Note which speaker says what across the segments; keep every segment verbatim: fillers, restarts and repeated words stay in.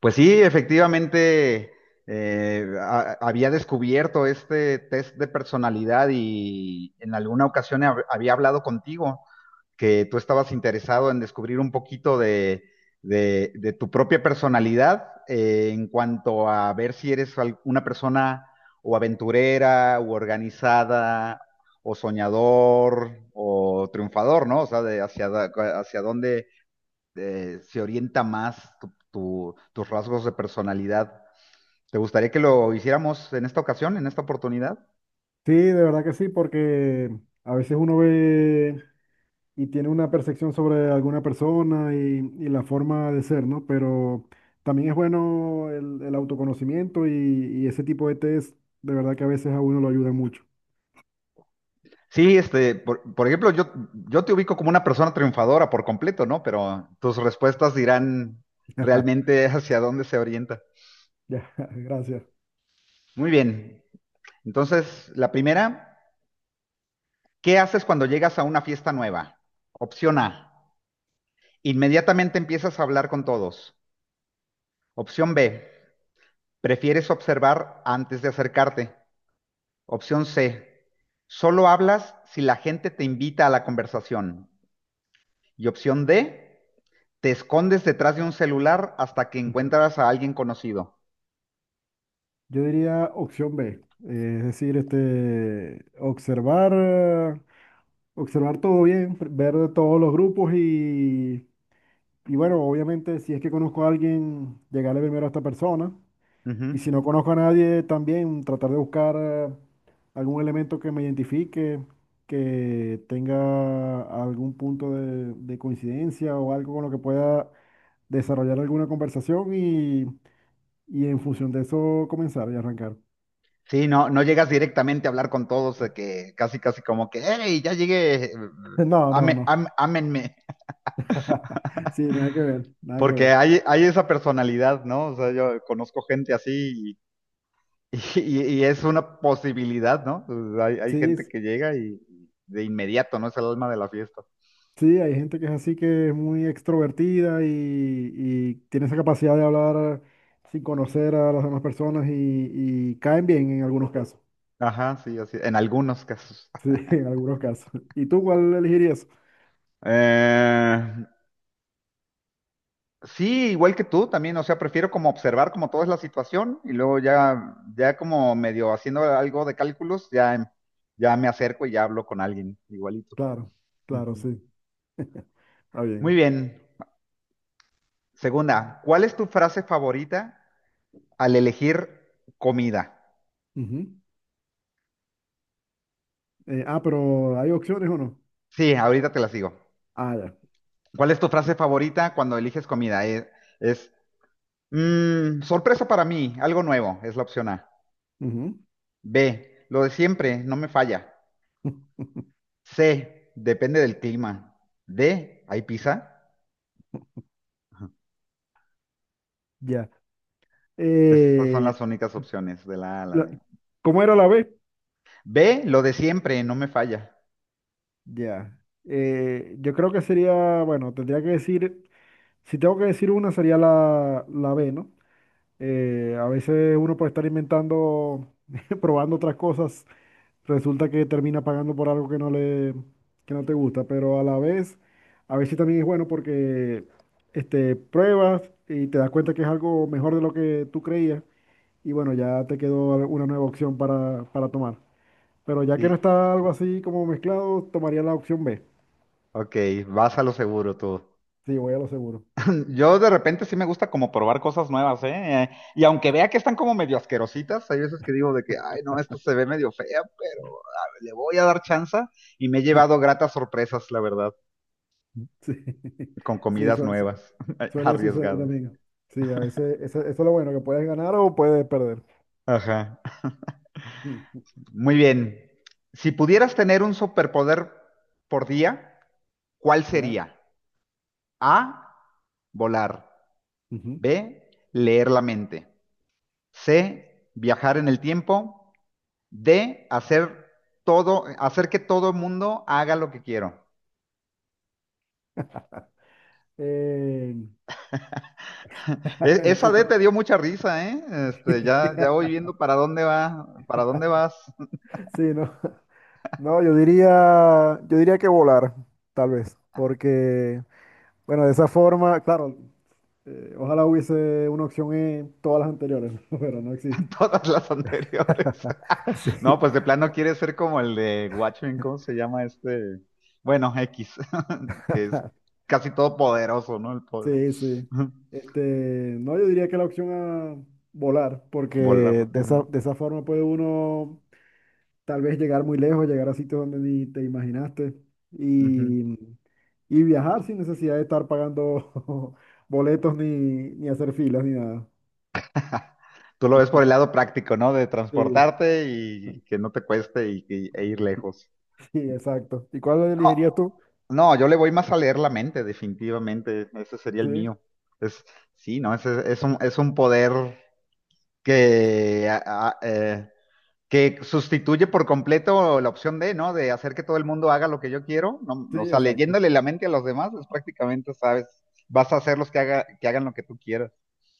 Speaker 1: Pues sí, efectivamente, eh, a- había descubierto este test de personalidad y en alguna ocasión hab- había hablado contigo que tú estabas interesado en descubrir un poquito de, de- de tu propia personalidad eh, en cuanto a ver si eres al- una persona o aventurera o organizada o soñador o triunfador, ¿no? O sea, de hacia, da- hacia dónde eh, se orienta más tu- tu- tus rasgos de personalidad. ¿Te gustaría que lo hiciéramos en esta ocasión, en esta oportunidad?
Speaker 2: Sí, de verdad que sí, porque a veces uno ve y tiene una percepción sobre alguna persona y, y la forma de ser, ¿no? Pero también es bueno el, el autoconocimiento y, y ese tipo de test, de verdad que a veces a uno lo ayuda mucho.
Speaker 1: Sí, este, por, por ejemplo, yo, yo te ubico como una persona triunfadora por completo, ¿no? Pero tus respuestas dirán realmente hacia dónde se orienta.
Speaker 2: Ya, gracias.
Speaker 1: Muy bien. Entonces, la primera, ¿qué haces cuando llegas a una fiesta nueva? Opción A, inmediatamente empiezas a hablar con todos. Opción B, prefieres observar antes de acercarte. Opción C, solo hablas si la gente te invita a la conversación. Y opción D, te escondes detrás de un celular hasta que encuentras a alguien conocido.
Speaker 2: Yo diría opción B, eh, es decir, este, observar, eh, observar todo bien, pr- ver de todos los grupos y, y bueno, obviamente si es que conozco a alguien, llegarle primero a esta persona y
Speaker 1: Ujú.
Speaker 2: si no conozco a nadie, también tratar de buscar eh, algún elemento que me identifique que tenga algún punto de, de coincidencia o algo con lo que pueda desarrollar alguna conversación y, y en función de eso comenzar y arrancar.
Speaker 1: Sí, no, no llegas directamente a hablar con todos, de que casi, casi como que, hey, ya llegué,
Speaker 2: No, no,
Speaker 1: ame-
Speaker 2: no.
Speaker 1: am- ámenme.
Speaker 2: Sí, nada que ver, nada que
Speaker 1: Porque
Speaker 2: ver.
Speaker 1: hay, hay esa personalidad, ¿no? O sea, yo conozco gente así y, y- y es una posibilidad, ¿no? Pues, Hay, hay
Speaker 2: Sí,
Speaker 1: gente
Speaker 2: sí,
Speaker 1: que llega y de inmediato, ¿no? Es el alma de la fiesta.
Speaker 2: sí, hay gente que es así, que es muy extrovertida y, y tiene esa capacidad de hablar sin conocer a las demás personas y, y caen bien en algunos casos.
Speaker 1: Ajá, sí, así, en algunos casos.
Speaker 2: Sí, en algunos casos. ¿Y tú cuál elegirías?
Speaker 1: Eh, sí, igual que tú también, o sea, prefiero como observar como toda es la situación y luego ya, ya como medio haciendo algo de cálculos, ya, em, ya me acerco y ya hablo con alguien, igualito.
Speaker 2: Claro, claro,
Speaker 1: Ujú.
Speaker 2: sí. Está
Speaker 1: Muy
Speaker 2: bien.
Speaker 1: bien. Segunda, ¿cuál es tu frase favorita al elegir comida?
Speaker 2: Ujú. Eh, ah, pero ¿hay opciones o no?
Speaker 1: Sí, ahorita te las digo.
Speaker 2: Ah, ya.
Speaker 1: ¿Cuál es tu frase favorita cuando eliges comida? Eh, Es, "Mm, sorpresa para mí, algo nuevo", es la opción A.
Speaker 2: Ujú.
Speaker 1: B, lo de siempre, no me falla. C, depende del clima. D, ¿hay pizza?
Speaker 2: Ya.
Speaker 1: Esas son
Speaker 2: Eh,
Speaker 1: las únicas opciones de la A a la
Speaker 2: la-
Speaker 1: D.
Speaker 2: ¿Cómo era la B?
Speaker 1: B, lo de siempre, no me falla.
Speaker 2: Ya. Eh, yo creo que sería, bueno, tendría que decir, si tengo que decir una, sería la, la B, ¿no? Eh, a veces uno puede estar inventando, probando otras cosas resulta que termina pagando por algo que no le, que no te gusta, pero a la vez, a veces también es bueno porque este, pruebas y te das cuenta que es algo mejor de lo que tú creías y bueno, ya te quedó al- una nueva opción para, para tomar. Pero ya que no
Speaker 1: Sí,
Speaker 2: está algo así como mezclado, tomaría la opción B.
Speaker 1: ok, vas a lo seguro tú.
Speaker 2: Sí, voy a lo seguro.
Speaker 1: Yo de repente sí me gusta como probar cosas nuevas, ¿eh? Eh, Y aunque vea que están como medio asquerositas, hay veces que digo de que, ay, no, esto se ve medio fea, pero a ver, le voy a dar chance y me he llevado gratas sorpresas, la verdad,
Speaker 2: Sí,
Speaker 1: con
Speaker 2: sí,
Speaker 1: comidas
Speaker 2: suel- su-
Speaker 1: nuevas,
Speaker 2: suele suceder
Speaker 1: arriesgadas.
Speaker 2: también. Sí, a veces eso, eso es lo bueno, que puedes ganar o puedes perder.
Speaker 1: Ajá. Muy bien. Si pudieras tener un superpoder por día, ¿cuál
Speaker 2: ¿Ya?
Speaker 1: sería? A, volar.
Speaker 2: Ujú.
Speaker 1: B, leer la mente. C, viajar en el tiempo. D, hacer todo, hacer que todo el mundo haga lo que quiero.
Speaker 2: Eh,
Speaker 1: E-
Speaker 2: esto
Speaker 1: esa D
Speaker 2: está-
Speaker 1: te dio mucha risa, ¿eh? Este, ya, ya voy viendo para dónde va, para dónde vas.
Speaker 2: Sí, no. No, yo diría, yo diría que volar, tal vez, porque, bueno, de esa forma, claro, eh, ojalá hubiese una opción en todas las anteriores, pero no existe.
Speaker 1: Todas las anteriores.
Speaker 2: Sí,
Speaker 1: No, pues de plano quiere ser como el de Watchmen, ¿cómo se llama este? Bueno, X, que es casi todopoderoso, ¿no? El poder.
Speaker 2: sí, sí. Este, no, yo diría que la opción a volar, porque
Speaker 1: Volar.
Speaker 2: de
Speaker 1: Ujú,
Speaker 2: esa, de esa forma puede uno tal vez llegar muy lejos, llegar a sitios donde ni te imaginaste
Speaker 1: ujú.
Speaker 2: y, y viajar sin necesidad de estar pagando boletos ni, ni hacer filas ni nada.
Speaker 1: Tú lo ves por el lado práctico, ¿no? De
Speaker 2: Sí,
Speaker 1: transportarte y que no te cueste y, y- e ir lejos.
Speaker 2: sí, exacto. ¿Y cuál
Speaker 1: No,
Speaker 2: elegirías tú?
Speaker 1: no, yo le voy más a leer la mente, definitivamente. Ese sería el
Speaker 2: Sí,
Speaker 1: mío. Es, sí, no, ese es un, es un poder que ah, ah, eh, que sustituye por completo la opción de, ¿no? De hacer que todo el mundo haga lo que yo quiero, ¿no?
Speaker 2: sí,
Speaker 1: O sea,
Speaker 2: exacto,
Speaker 1: leyéndole la mente a los demás, es prácticamente, sabes, vas a hacerlos que, haga, que hagan lo que tú quieras.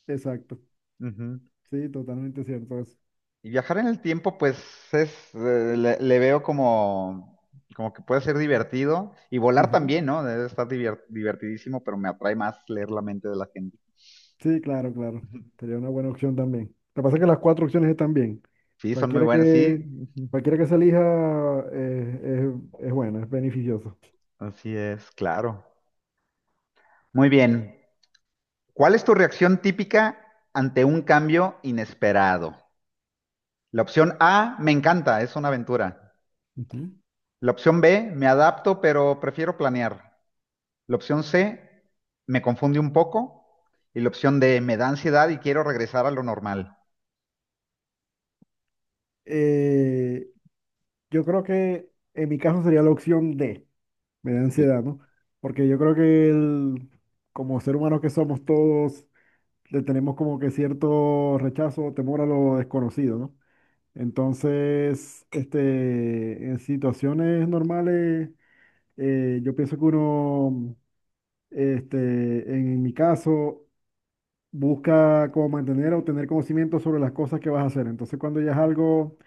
Speaker 2: exacto.
Speaker 1: Ujú.
Speaker 2: Sí, totalmente cierto eso.
Speaker 1: Y viajar en el tiempo, pues es, eh, le, le veo como, como que puede ser divertido. Y volar
Speaker 2: Ujú.
Speaker 1: también, ¿no? Debe estar divier- divertidísimo, pero me atrae más leer la mente de la gente.
Speaker 2: Sí, claro, claro. Sería una buena opción también. Lo que pasa es que las cuatro opciones están bien.
Speaker 1: Sí, son muy
Speaker 2: Cualquiera
Speaker 1: buenas, sí.
Speaker 2: que, cualquiera que se elija eh, es, es buena, es beneficioso.
Speaker 1: Así es, claro. Muy bien. ¿Cuál es tu reacción típica ante un cambio inesperado? La opción A, me encanta, es una aventura.
Speaker 2: Ujú.
Speaker 1: La opción B, me adapto, pero prefiero planear. La opción C, me confunde un poco. Y la opción D, me da ansiedad y quiero regresar a lo normal.
Speaker 2: Eh, Yo creo que en mi caso sería la opción D, me da ansiedad, ¿no? Porque yo creo que el- como ser humanos que somos todos, le tenemos como que cierto rechazo o temor a lo desconocido, ¿no? Entonces, este, en situaciones normales, eh, yo pienso que uno, este, en mi caso, busca como mantener o tener conocimiento sobre las cosas que vas a hacer. Entonces, cuando ya es algo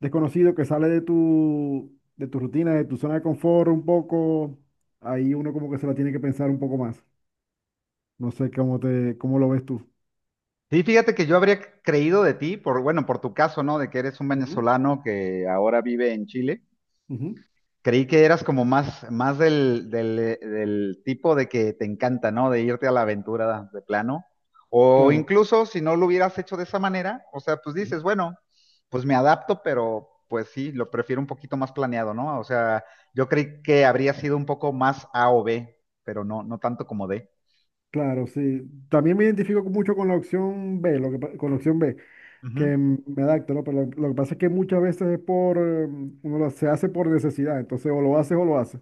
Speaker 2: desconocido que sale de tu, de tu rutina, de tu zona de confort un poco, ahí uno como que se la tiene que pensar un poco más. No sé cómo te, cómo lo ves tú.
Speaker 1: Sí, fíjate que yo habría creído de ti, por, bueno, por tu caso, ¿no? De que eres un
Speaker 2: Ujú,
Speaker 1: venezolano que ahora vive en Chile.
Speaker 2: ujú,
Speaker 1: Creí que eras como más, más del, del, del tipo de que te encanta, ¿no? De irte a la aventura de plano. O
Speaker 2: claro,
Speaker 1: incluso si no lo hubieras hecho de esa manera, o sea, pues
Speaker 2: ujú,
Speaker 1: dices, bueno, pues me adapto, pero pues sí, lo prefiero un poquito más planeado, ¿no? O sea, yo creí que habría sido un poco más A o B, pero no, no tanto como D.
Speaker 2: claro, sí. También me identifico con- mucho con la opción B, lo que, pa- con la opción B,
Speaker 1: Ujú.
Speaker 2: que mm, me adapto, ¿no? Pero lo, lo que pasa es que muchas veces es por, eh, uno lo- se hace por necesidad, entonces o lo haces o lo haces.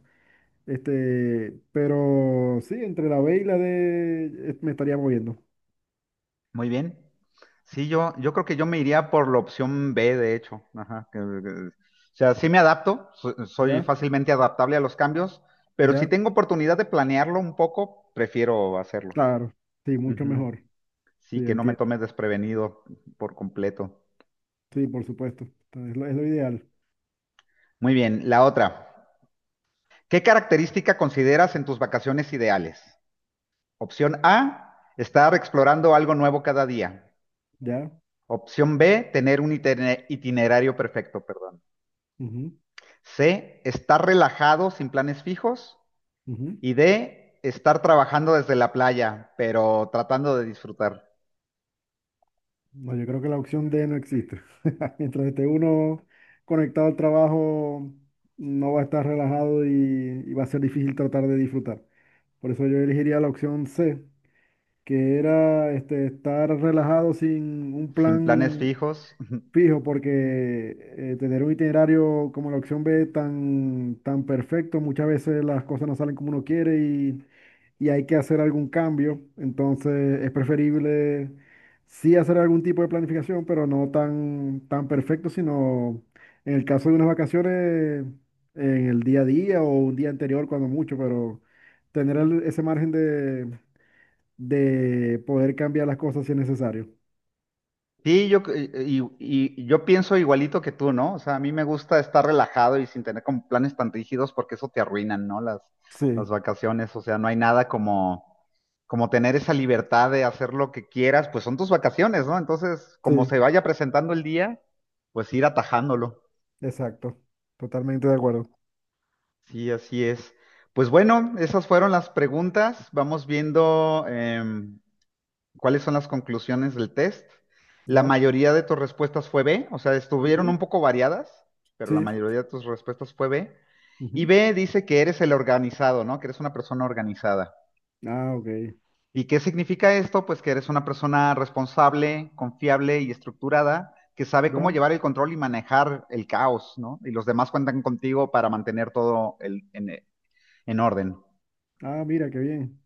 Speaker 2: Este, pero sí, entre la B y la D eh, me estaría moviendo,
Speaker 1: Muy bien. Sí, yo, yo creo que yo me iría por la opción B, de hecho. Ajá, que- que- o sea, sí me adapto, so- soy
Speaker 2: ¿ya?
Speaker 1: fácilmente adaptable a los cambios, pero si
Speaker 2: ¿Ya?
Speaker 1: tengo oportunidad de planearlo un poco, prefiero hacerlo.
Speaker 2: Claro, sí, mucho
Speaker 1: Ujú.
Speaker 2: mejor. Sí,
Speaker 1: Sí, que no me
Speaker 2: entiendo.
Speaker 1: tome desprevenido por completo.
Speaker 2: Sí, por supuesto. Es lo, es lo ideal.
Speaker 1: Muy bien, la otra. ¿Qué característica consideras en tus vacaciones ideales? Opción A, estar explorando algo nuevo cada día.
Speaker 2: ¿Ya?
Speaker 1: Opción B, tener un itine- itinerario perfecto, perdón.
Speaker 2: Ujú,
Speaker 1: C, estar relajado sin planes fijos.
Speaker 2: ujú.
Speaker 1: Y D, estar trabajando desde la playa, pero tratando de disfrutar,
Speaker 2: No, yo creo que la opción D no existe. Mientras esté uno conectado al trabajo, no va a estar relajado y, y va a ser difícil tratar de disfrutar. Por eso yo elegiría la opción C, que era este, estar relajado sin un
Speaker 1: sin planes
Speaker 2: plan
Speaker 1: fijos.
Speaker 2: fijo, porque eh, tener un itinerario como la opción B tan, tan perfecto, muchas veces las cosas no salen como uno quiere y, y hay que hacer algún cambio. Entonces es preferible sí hacer algún tipo de planificación, pero no tan, tan perfecto, sino en el caso de unas vacaciones, en el día a día o un día anterior cuando mucho, pero tener el- ese margen de, de poder cambiar las cosas si es necesario.
Speaker 1: Sí, yo, y, y- y yo pienso igualito que tú, ¿no? O sea, a mí me gusta estar relajado y sin tener como planes tan rígidos porque eso te arruinan, ¿no? Las, las
Speaker 2: Sí,
Speaker 1: vacaciones, o sea, no hay nada como, como tener esa libertad de hacer lo que quieras, pues son tus vacaciones, ¿no? Entonces, como se
Speaker 2: sí.
Speaker 1: vaya presentando el día, pues ir atajándolo.
Speaker 2: Exacto, totalmente de acuerdo.
Speaker 1: Sí, así es. Pues bueno, esas fueron las preguntas. Vamos viendo em, cuáles son las conclusiones del test. La
Speaker 2: ¿Ya?
Speaker 1: mayoría de tus respuestas fue B, o sea, estuvieron
Speaker 2: Ujú,
Speaker 1: un poco variadas, pero la
Speaker 2: sí.
Speaker 1: mayoría de tus respuestas fue B. Y
Speaker 2: Ujú.
Speaker 1: B dice que eres el organizado, ¿no? Que eres una persona organizada.
Speaker 2: Ah, ok.
Speaker 1: ¿Y qué significa esto? Pues que eres una persona responsable, confiable y estructurada, que sabe cómo
Speaker 2: Ya.
Speaker 1: llevar el control y manejar el caos, ¿no? Y los demás cuentan contigo para mantener todo el- en en orden.
Speaker 2: Ah, mira, qué bien.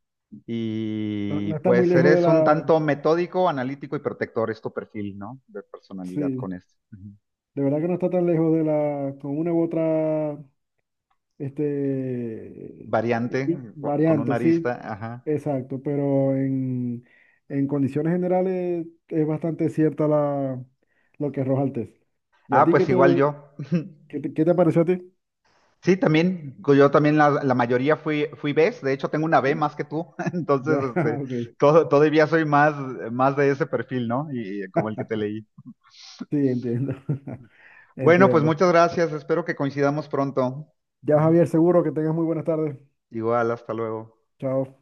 Speaker 2: No,
Speaker 1: Y
Speaker 2: no está muy
Speaker 1: pues
Speaker 2: lejos de
Speaker 1: eres un
Speaker 2: la...
Speaker 1: tanto metódico, analítico y protector, es tu perfil, ¿no? De personalidad con
Speaker 2: Sí,
Speaker 1: esto. Ujú.
Speaker 2: de verdad que no está tan lejos de la, con una u otra, este,
Speaker 1: Variante, co- con
Speaker 2: variante,
Speaker 1: una arista,
Speaker 2: sí,
Speaker 1: ajá.
Speaker 2: exacto, pero en, en condiciones generales es bastante cierta la, lo que arroja el test. ¿Y a
Speaker 1: Ah,
Speaker 2: ti qué
Speaker 1: pues igual
Speaker 2: te,
Speaker 1: yo.
Speaker 2: qué te, qué te pareció a ti?
Speaker 1: Sí, también, yo también la, la mayoría fui, fui bes, de hecho tengo una B
Speaker 2: Ujú.
Speaker 1: más que tú, entonces
Speaker 2: Ya,
Speaker 1: este,
Speaker 2: ok,
Speaker 1: todo- todavía soy más, más de ese perfil, ¿no? Y, y como el que te leí.
Speaker 2: sí, entiendo.
Speaker 1: Bueno, pues
Speaker 2: Entiendo.
Speaker 1: muchas gracias, espero que coincidamos pronto.
Speaker 2: Ya,
Speaker 1: Ujú.
Speaker 2: Javier, seguro que tengas muy buenas tardes.
Speaker 1: Igual, hasta luego.
Speaker 2: Chao.